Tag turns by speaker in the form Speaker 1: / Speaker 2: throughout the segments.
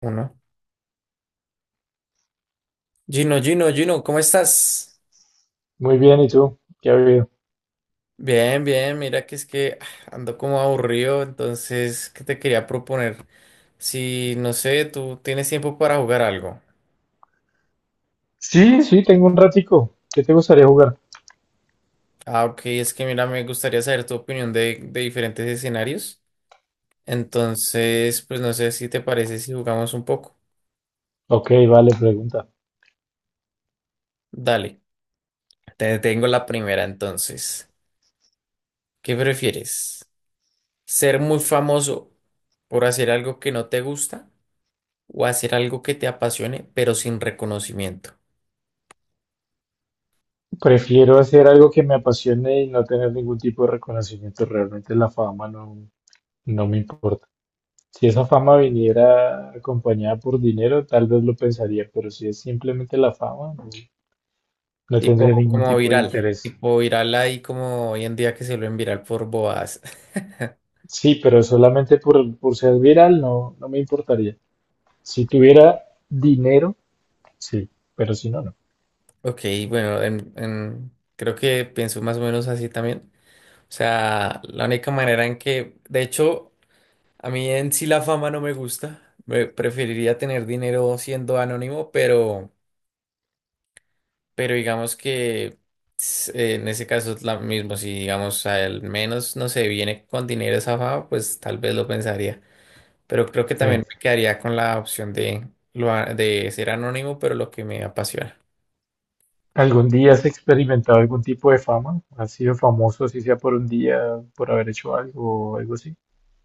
Speaker 1: Uno. Gino, Gino, Gino, ¿cómo estás?
Speaker 2: Muy bien, ¿y tú? ¿Qué ha habido?
Speaker 1: Bien, bien, mira que es que ando como aburrido, entonces, ¿qué te quería proponer? Si, no sé, tú tienes tiempo para jugar algo.
Speaker 2: Sí, sí, tengo un ratico. ¿Qué te gustaría jugar?
Speaker 1: Ah, ok, es que mira, me gustaría saber tu opinión de diferentes escenarios. Entonces, pues no sé si te parece si jugamos un poco.
Speaker 2: Ok, vale, pregunta.
Speaker 1: Dale, te tengo la primera entonces. ¿Qué prefieres? ¿Ser muy famoso por hacer algo que no te gusta? O hacer algo que te apasione, pero sin reconocimiento.
Speaker 2: Prefiero hacer algo que me apasione y no tener ningún tipo de reconocimiento. Realmente la fama no, no me importa. Si esa fama viniera acompañada por dinero, tal vez lo pensaría, pero si es simplemente la fama, no, no
Speaker 1: Tipo
Speaker 2: tendría ningún
Speaker 1: como
Speaker 2: tipo de
Speaker 1: viral.
Speaker 2: interés.
Speaker 1: Tipo viral ahí como hoy en día que se lo viral por bobadas.
Speaker 2: Sí, pero solamente por ser viral no, no me importaría. Si tuviera dinero, sí, pero si no,
Speaker 1: Ok, bueno, creo que pienso más o menos así también. O sea, la única manera en que, de hecho, a mí en sí la fama no me gusta. Me preferiría tener dinero siendo anónimo, pero digamos que en ese caso es lo mismo. Si digamos al menos, no sé, viene con dinero esa fama, pues tal vez lo pensaría. Pero creo que
Speaker 2: no.
Speaker 1: también me quedaría con la opción de, de ser anónimo, pero lo que me apasiona.
Speaker 2: ¿Algún día has experimentado algún tipo de fama? ¿Has sido famoso, si sea por un día, por haber hecho algo o algo así?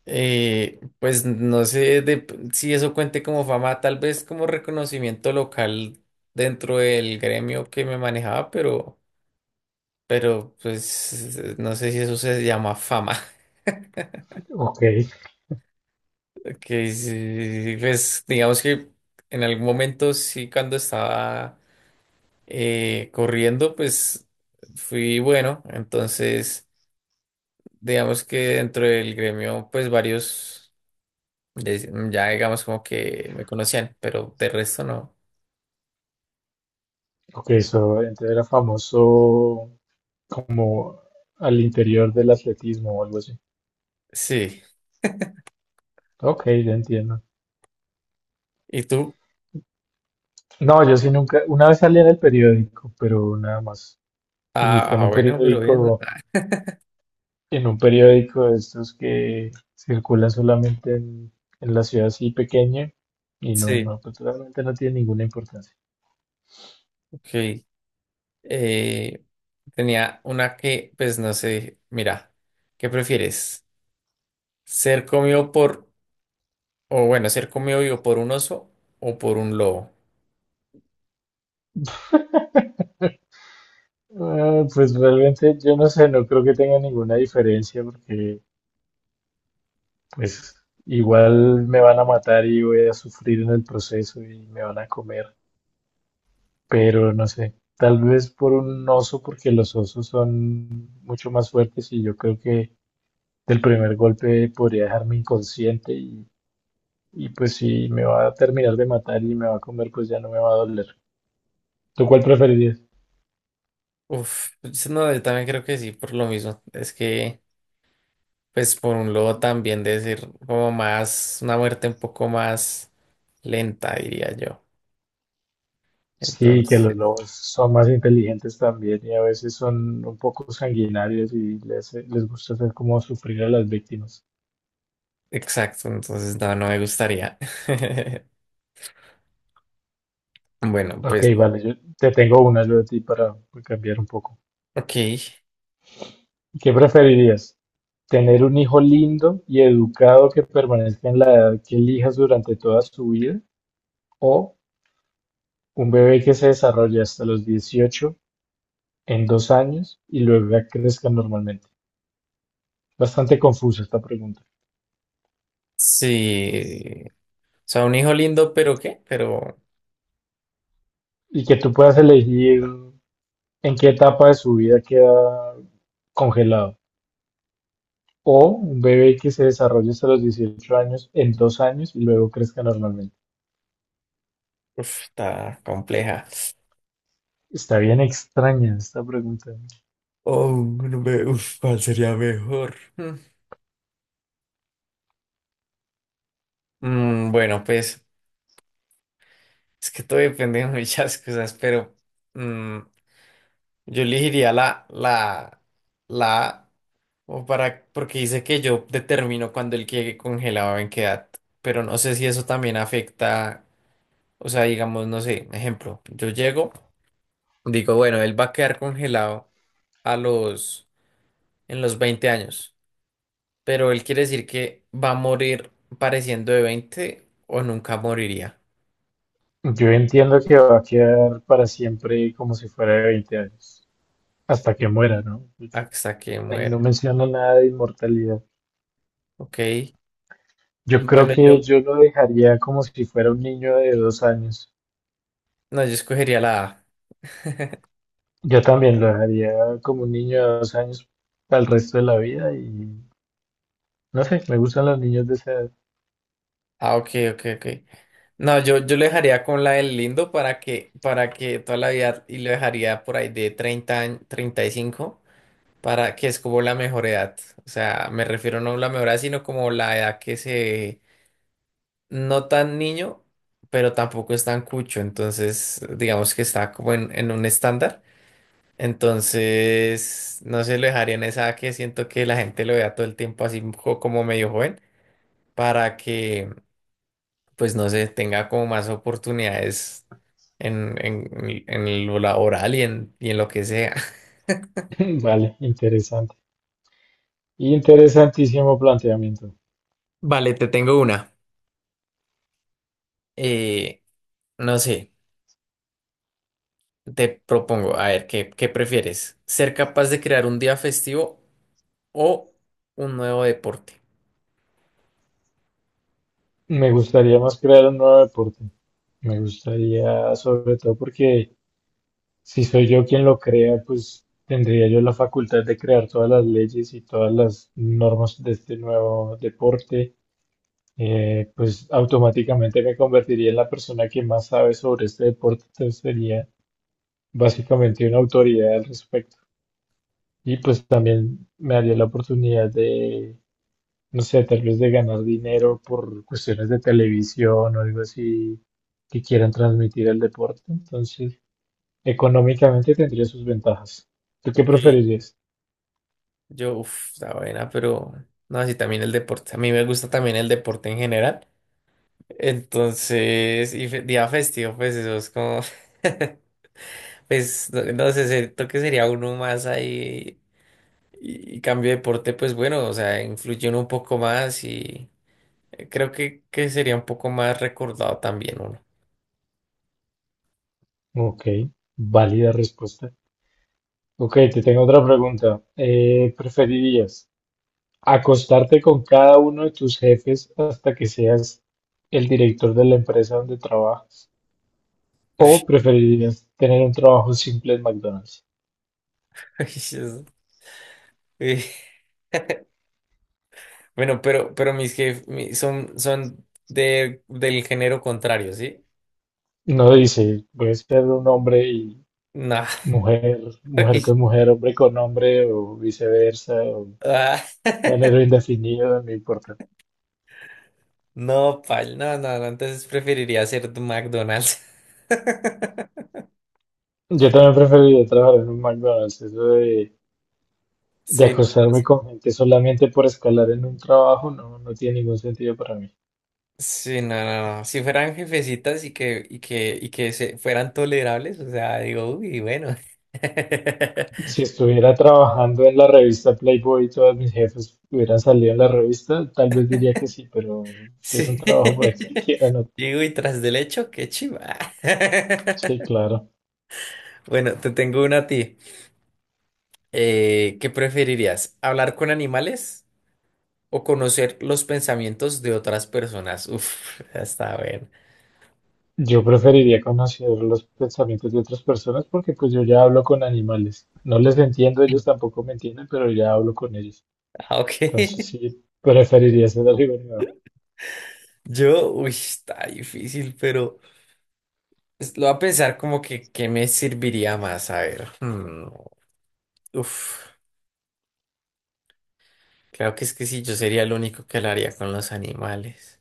Speaker 1: Pues no sé si eso cuente como fama, tal vez como reconocimiento local dentro del gremio que me manejaba, pero pues no sé si eso se llama fama.
Speaker 2: Ok,
Speaker 1: Que sí, pues digamos que en algún momento sí cuando estaba corriendo, pues fui bueno, entonces digamos que dentro del gremio, pues varios, ya digamos como que me conocían, pero de resto no.
Speaker 2: ok, eso entonces era famoso como al interior del atletismo o algo así.
Speaker 1: Sí.
Speaker 2: Ok, ya entiendo.
Speaker 1: ¿Y tú?
Speaker 2: No, yo sí nunca, una vez salí en el periódico, pero nada más. Y fue
Speaker 1: Ah,
Speaker 2: en
Speaker 1: ah,
Speaker 2: un
Speaker 1: bueno, pero bien, ¿no?
Speaker 2: periódico,
Speaker 1: Ah,
Speaker 2: en un periódico de estos que circulan solamente en la ciudad así pequeña y no,
Speaker 1: Sí,
Speaker 2: no, pues realmente no tiene ninguna importancia.
Speaker 1: ok. Eh, tenía una que, pues no sé, mira, ¿qué prefieres? ¿Ser comido por, o bueno, ser comido vivo por un oso o por un lobo?
Speaker 2: Ah, pues realmente yo no sé, no creo que tenga ninguna diferencia porque pues igual me van a matar y voy a sufrir en el proceso y me van a comer, pero no sé, tal vez por un oso porque los osos son mucho más fuertes y yo creo que del primer golpe podría dejarme inconsciente y pues si me va a terminar de matar y me va a comer pues ya no me va a doler. ¿Tú cuál preferirías?
Speaker 1: Uf, no, yo también creo que sí, por lo mismo. Es que... Pues por un lado también decir como más, una muerte un poco más lenta, diría yo.
Speaker 2: Sí, que los
Speaker 1: Entonces,
Speaker 2: lobos son más inteligentes también y a veces son un poco sanguinarios y les gusta hacer como sufrir a las víctimas.
Speaker 1: exacto, entonces no, no me gustaría. Bueno,
Speaker 2: Ok,
Speaker 1: pues,
Speaker 2: vale, yo te tengo una yo de ti para cambiar un poco.
Speaker 1: ok,
Speaker 2: ¿Qué preferirías? ¿Tener un hijo lindo y educado que permanezca en la edad que elijas durante toda su vida? ¿O un bebé que se desarrolle hasta los 18 en 2 años y luego crezca normalmente? Bastante confusa esta pregunta.
Speaker 1: sí. O sea, un hijo lindo, pero ¿qué? Pero,
Speaker 2: Y que tú puedas elegir, ¿en qué etapa de su vida queda congelado? O un bebé que se desarrolle hasta los 18 años en 2 años y luego crezca normalmente.
Speaker 1: uf, está compleja.
Speaker 2: Está bien extraña esta pregunta.
Speaker 1: Oh, no me- uf, ¿cuál sería mejor? Mm. Bueno, pues, es que todo depende de muchas cosas, pero mm, yo elegiría la A, Porque dice que yo determino cuando él quede congelado en qué edad, pero no sé si eso también afecta, o sea, digamos, no sé, ejemplo, yo llego, digo, bueno, él va a quedar congelado a los, en los 20 años, pero él quiere decir que va a morir pareciendo de 20 o nunca moriría
Speaker 2: Yo entiendo que va a quedar para siempre como si fuera de 20 años, hasta que muera, ¿no? Pues,
Speaker 1: hasta que
Speaker 2: ahí no
Speaker 1: muera,
Speaker 2: menciona nada de inmortalidad.
Speaker 1: ¿ok?
Speaker 2: Yo creo
Speaker 1: Bueno,
Speaker 2: que yo lo dejaría como si fuera un niño de 2 años.
Speaker 1: no, yo escogería la A.
Speaker 2: Yo también lo dejaría como un niño de 2 años para el resto de la vida y no sé, me gustan los niños de esa edad.
Speaker 1: Ah, ok, ok, ok. No, yo lo dejaría con la del lindo para que, toda la vida y lo dejaría por ahí de 30 años, 35 para que es como la mejor edad. O sea, me refiero no a la mejor edad, sino como la edad que se, no tan niño, pero tampoco es tan cucho. Entonces, digamos que está como en, un estándar. Entonces, no se lo dejaría en esa edad que siento que la gente lo vea todo el tiempo así como medio joven, para que pues no sé, tenga como más oportunidades en, lo laboral y en lo que sea.
Speaker 2: Vale, interesante. Interesantísimo planteamiento.
Speaker 1: Vale, te tengo una. Eh, no sé, te propongo, a ver, ¿qué prefieres? ¿Ser capaz de crear un día festivo o un nuevo deporte?
Speaker 2: Me gustaría más crear un nuevo deporte. Me gustaría, sobre todo porque si soy yo quien lo crea, pues tendría yo la facultad de crear todas las leyes y todas las normas de este nuevo deporte. Pues automáticamente me convertiría en la persona que más sabe sobre este deporte. Entonces sería básicamente una autoridad al respecto. Y pues también me haría la oportunidad de no sé, tal vez de ganar dinero por cuestiones de televisión o algo así que quieran transmitir el deporte. Entonces, económicamente tendría sus ventajas. ¿Tú qué
Speaker 1: Ok,
Speaker 2: preferirías?
Speaker 1: uff, está buena, pero no, así también el deporte. A mí me gusta también el deporte en general. Entonces, día festivo, pues eso es como... Pues no sé, siento que sería uno más ahí y, cambio de deporte, pues bueno, o sea, influye uno un poco más y creo que, sería un poco más recordado también uno.
Speaker 2: Ok, válida respuesta. Ok, te tengo otra pregunta. ¿Preferirías acostarte con cada uno de tus jefes hasta que seas el director de la empresa donde trabajas? ¿O preferirías tener un trabajo simple en McDonald's?
Speaker 1: Ay, Dios. Eh, Bueno, pero, mis jefes son, del género contrario, ¿sí?
Speaker 2: No dice, voy a ser un hombre y
Speaker 1: No.
Speaker 2: mujer, mujer
Speaker 1: Ay,
Speaker 2: con mujer, hombre con hombre o viceversa, o
Speaker 1: ah,
Speaker 2: género indefinido, no importa.
Speaker 1: No, pal, no, no, no, entonces preferiría ser de McDonald's.
Speaker 2: Yo también preferiría trabajar en un McDonald's, eso de
Speaker 1: Sí, no, no,
Speaker 2: acostarme con gente solamente por escalar en un trabajo no, no tiene ningún sentido para mí.
Speaker 1: Sí, no, no, no. Si fueran jefecitas y que se fueran tolerables, o sea, digo, uy, bueno.
Speaker 2: Si estuviera trabajando en la revista Playboy y todos mis jefes hubieran salido en la revista, tal vez diría que sí, pero si es un
Speaker 1: Sí.
Speaker 2: trabajo por ahí cualquiera, no.
Speaker 1: Digo, y tras del hecho, qué chiva.
Speaker 2: Sí, claro.
Speaker 1: Bueno, te tengo una a ti. ¿Qué preferirías? ¿Hablar con animales o conocer los pensamientos de otras personas? Uf, está bien.
Speaker 2: Yo preferiría conocer los pensamientos de otras personas porque pues yo ya hablo con animales. No les entiendo, ellos tampoco me entienden, pero ya hablo con ellos.
Speaker 1: Ah,
Speaker 2: Entonces
Speaker 1: ok.
Speaker 2: sí, preferiría hacer algo nuevo.
Speaker 1: Uy, está difícil, pero lo voy a pensar como que, ¿qué me serviría más? A ver. Hmm. Uf, claro que es que sí, yo sería el único que lo haría con los animales.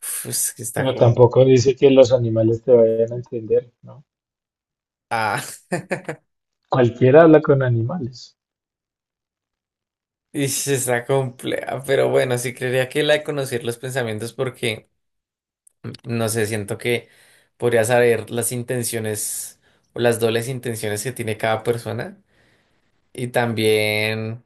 Speaker 1: Uf, es que está
Speaker 2: Pero
Speaker 1: como...
Speaker 2: tampoco dice que los animales te vayan a entender, ¿no?
Speaker 1: Ah,
Speaker 2: Cualquiera habla con animales.
Speaker 1: ish, está compleja, pero bueno, sí creería que la de conocer los pensamientos porque, no sé, siento que podría saber las intenciones o las dobles intenciones que tiene cada persona y también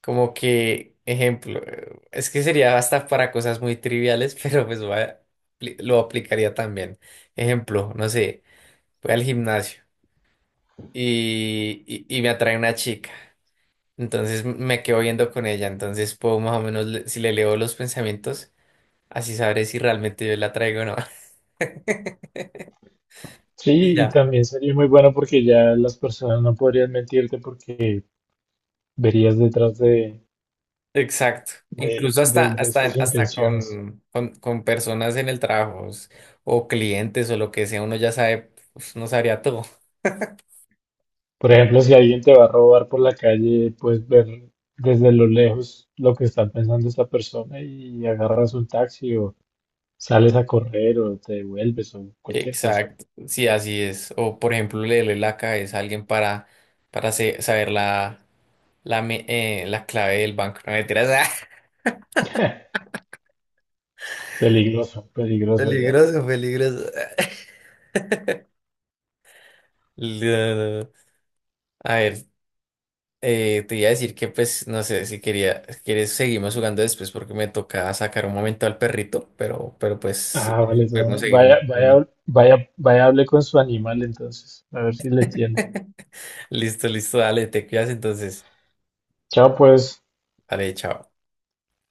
Speaker 1: como que, ejemplo, es que sería hasta para cosas muy triviales, pero pues lo aplicaría también. Ejemplo, no sé, voy al gimnasio. Y me atrae una chica. Entonces me quedo viendo con ella. Entonces puedo más o menos, si le leo los pensamientos, así sabré si realmente yo la traigo o no.
Speaker 2: Sí,
Speaker 1: Y
Speaker 2: y
Speaker 1: ya,
Speaker 2: también sería muy bueno porque ya las personas no podrían mentirte porque verías detrás de,
Speaker 1: exacto.
Speaker 2: de,
Speaker 1: Incluso hasta,
Speaker 2: de de
Speaker 1: hasta,
Speaker 2: sus
Speaker 1: hasta
Speaker 2: intenciones.
Speaker 1: con, con personas en el trabajo o clientes o lo que sea, uno ya sabe, pues, no sabría todo.
Speaker 2: Por ejemplo, si alguien te va a robar por la calle, puedes ver desde lo lejos lo que está pensando esta persona y agarras un taxi o sales a correr o te devuelves o cualquier cosa.
Speaker 1: Exacto, sí, así es. O por ejemplo, leerle la cabeza a alguien saber la clave del banco. No mentiras.
Speaker 2: Peligroso, peligroso ya.
Speaker 1: Peligroso, peligroso. No, no. A ver, te iba a decir que pues no sé si quería, si quieres seguimos jugando después porque me toca sacar un momento al perrito, pero pues si
Speaker 2: Ah,
Speaker 1: quieres
Speaker 2: vale, no,
Speaker 1: podemos seguir.
Speaker 2: Vaya,
Speaker 1: En
Speaker 2: vaya, vaya, vaya, hable con su animal entonces, a ver si le entiende.
Speaker 1: Listo, listo, dale, te cuidas entonces.
Speaker 2: Chao, pues.
Speaker 1: Dale, chao.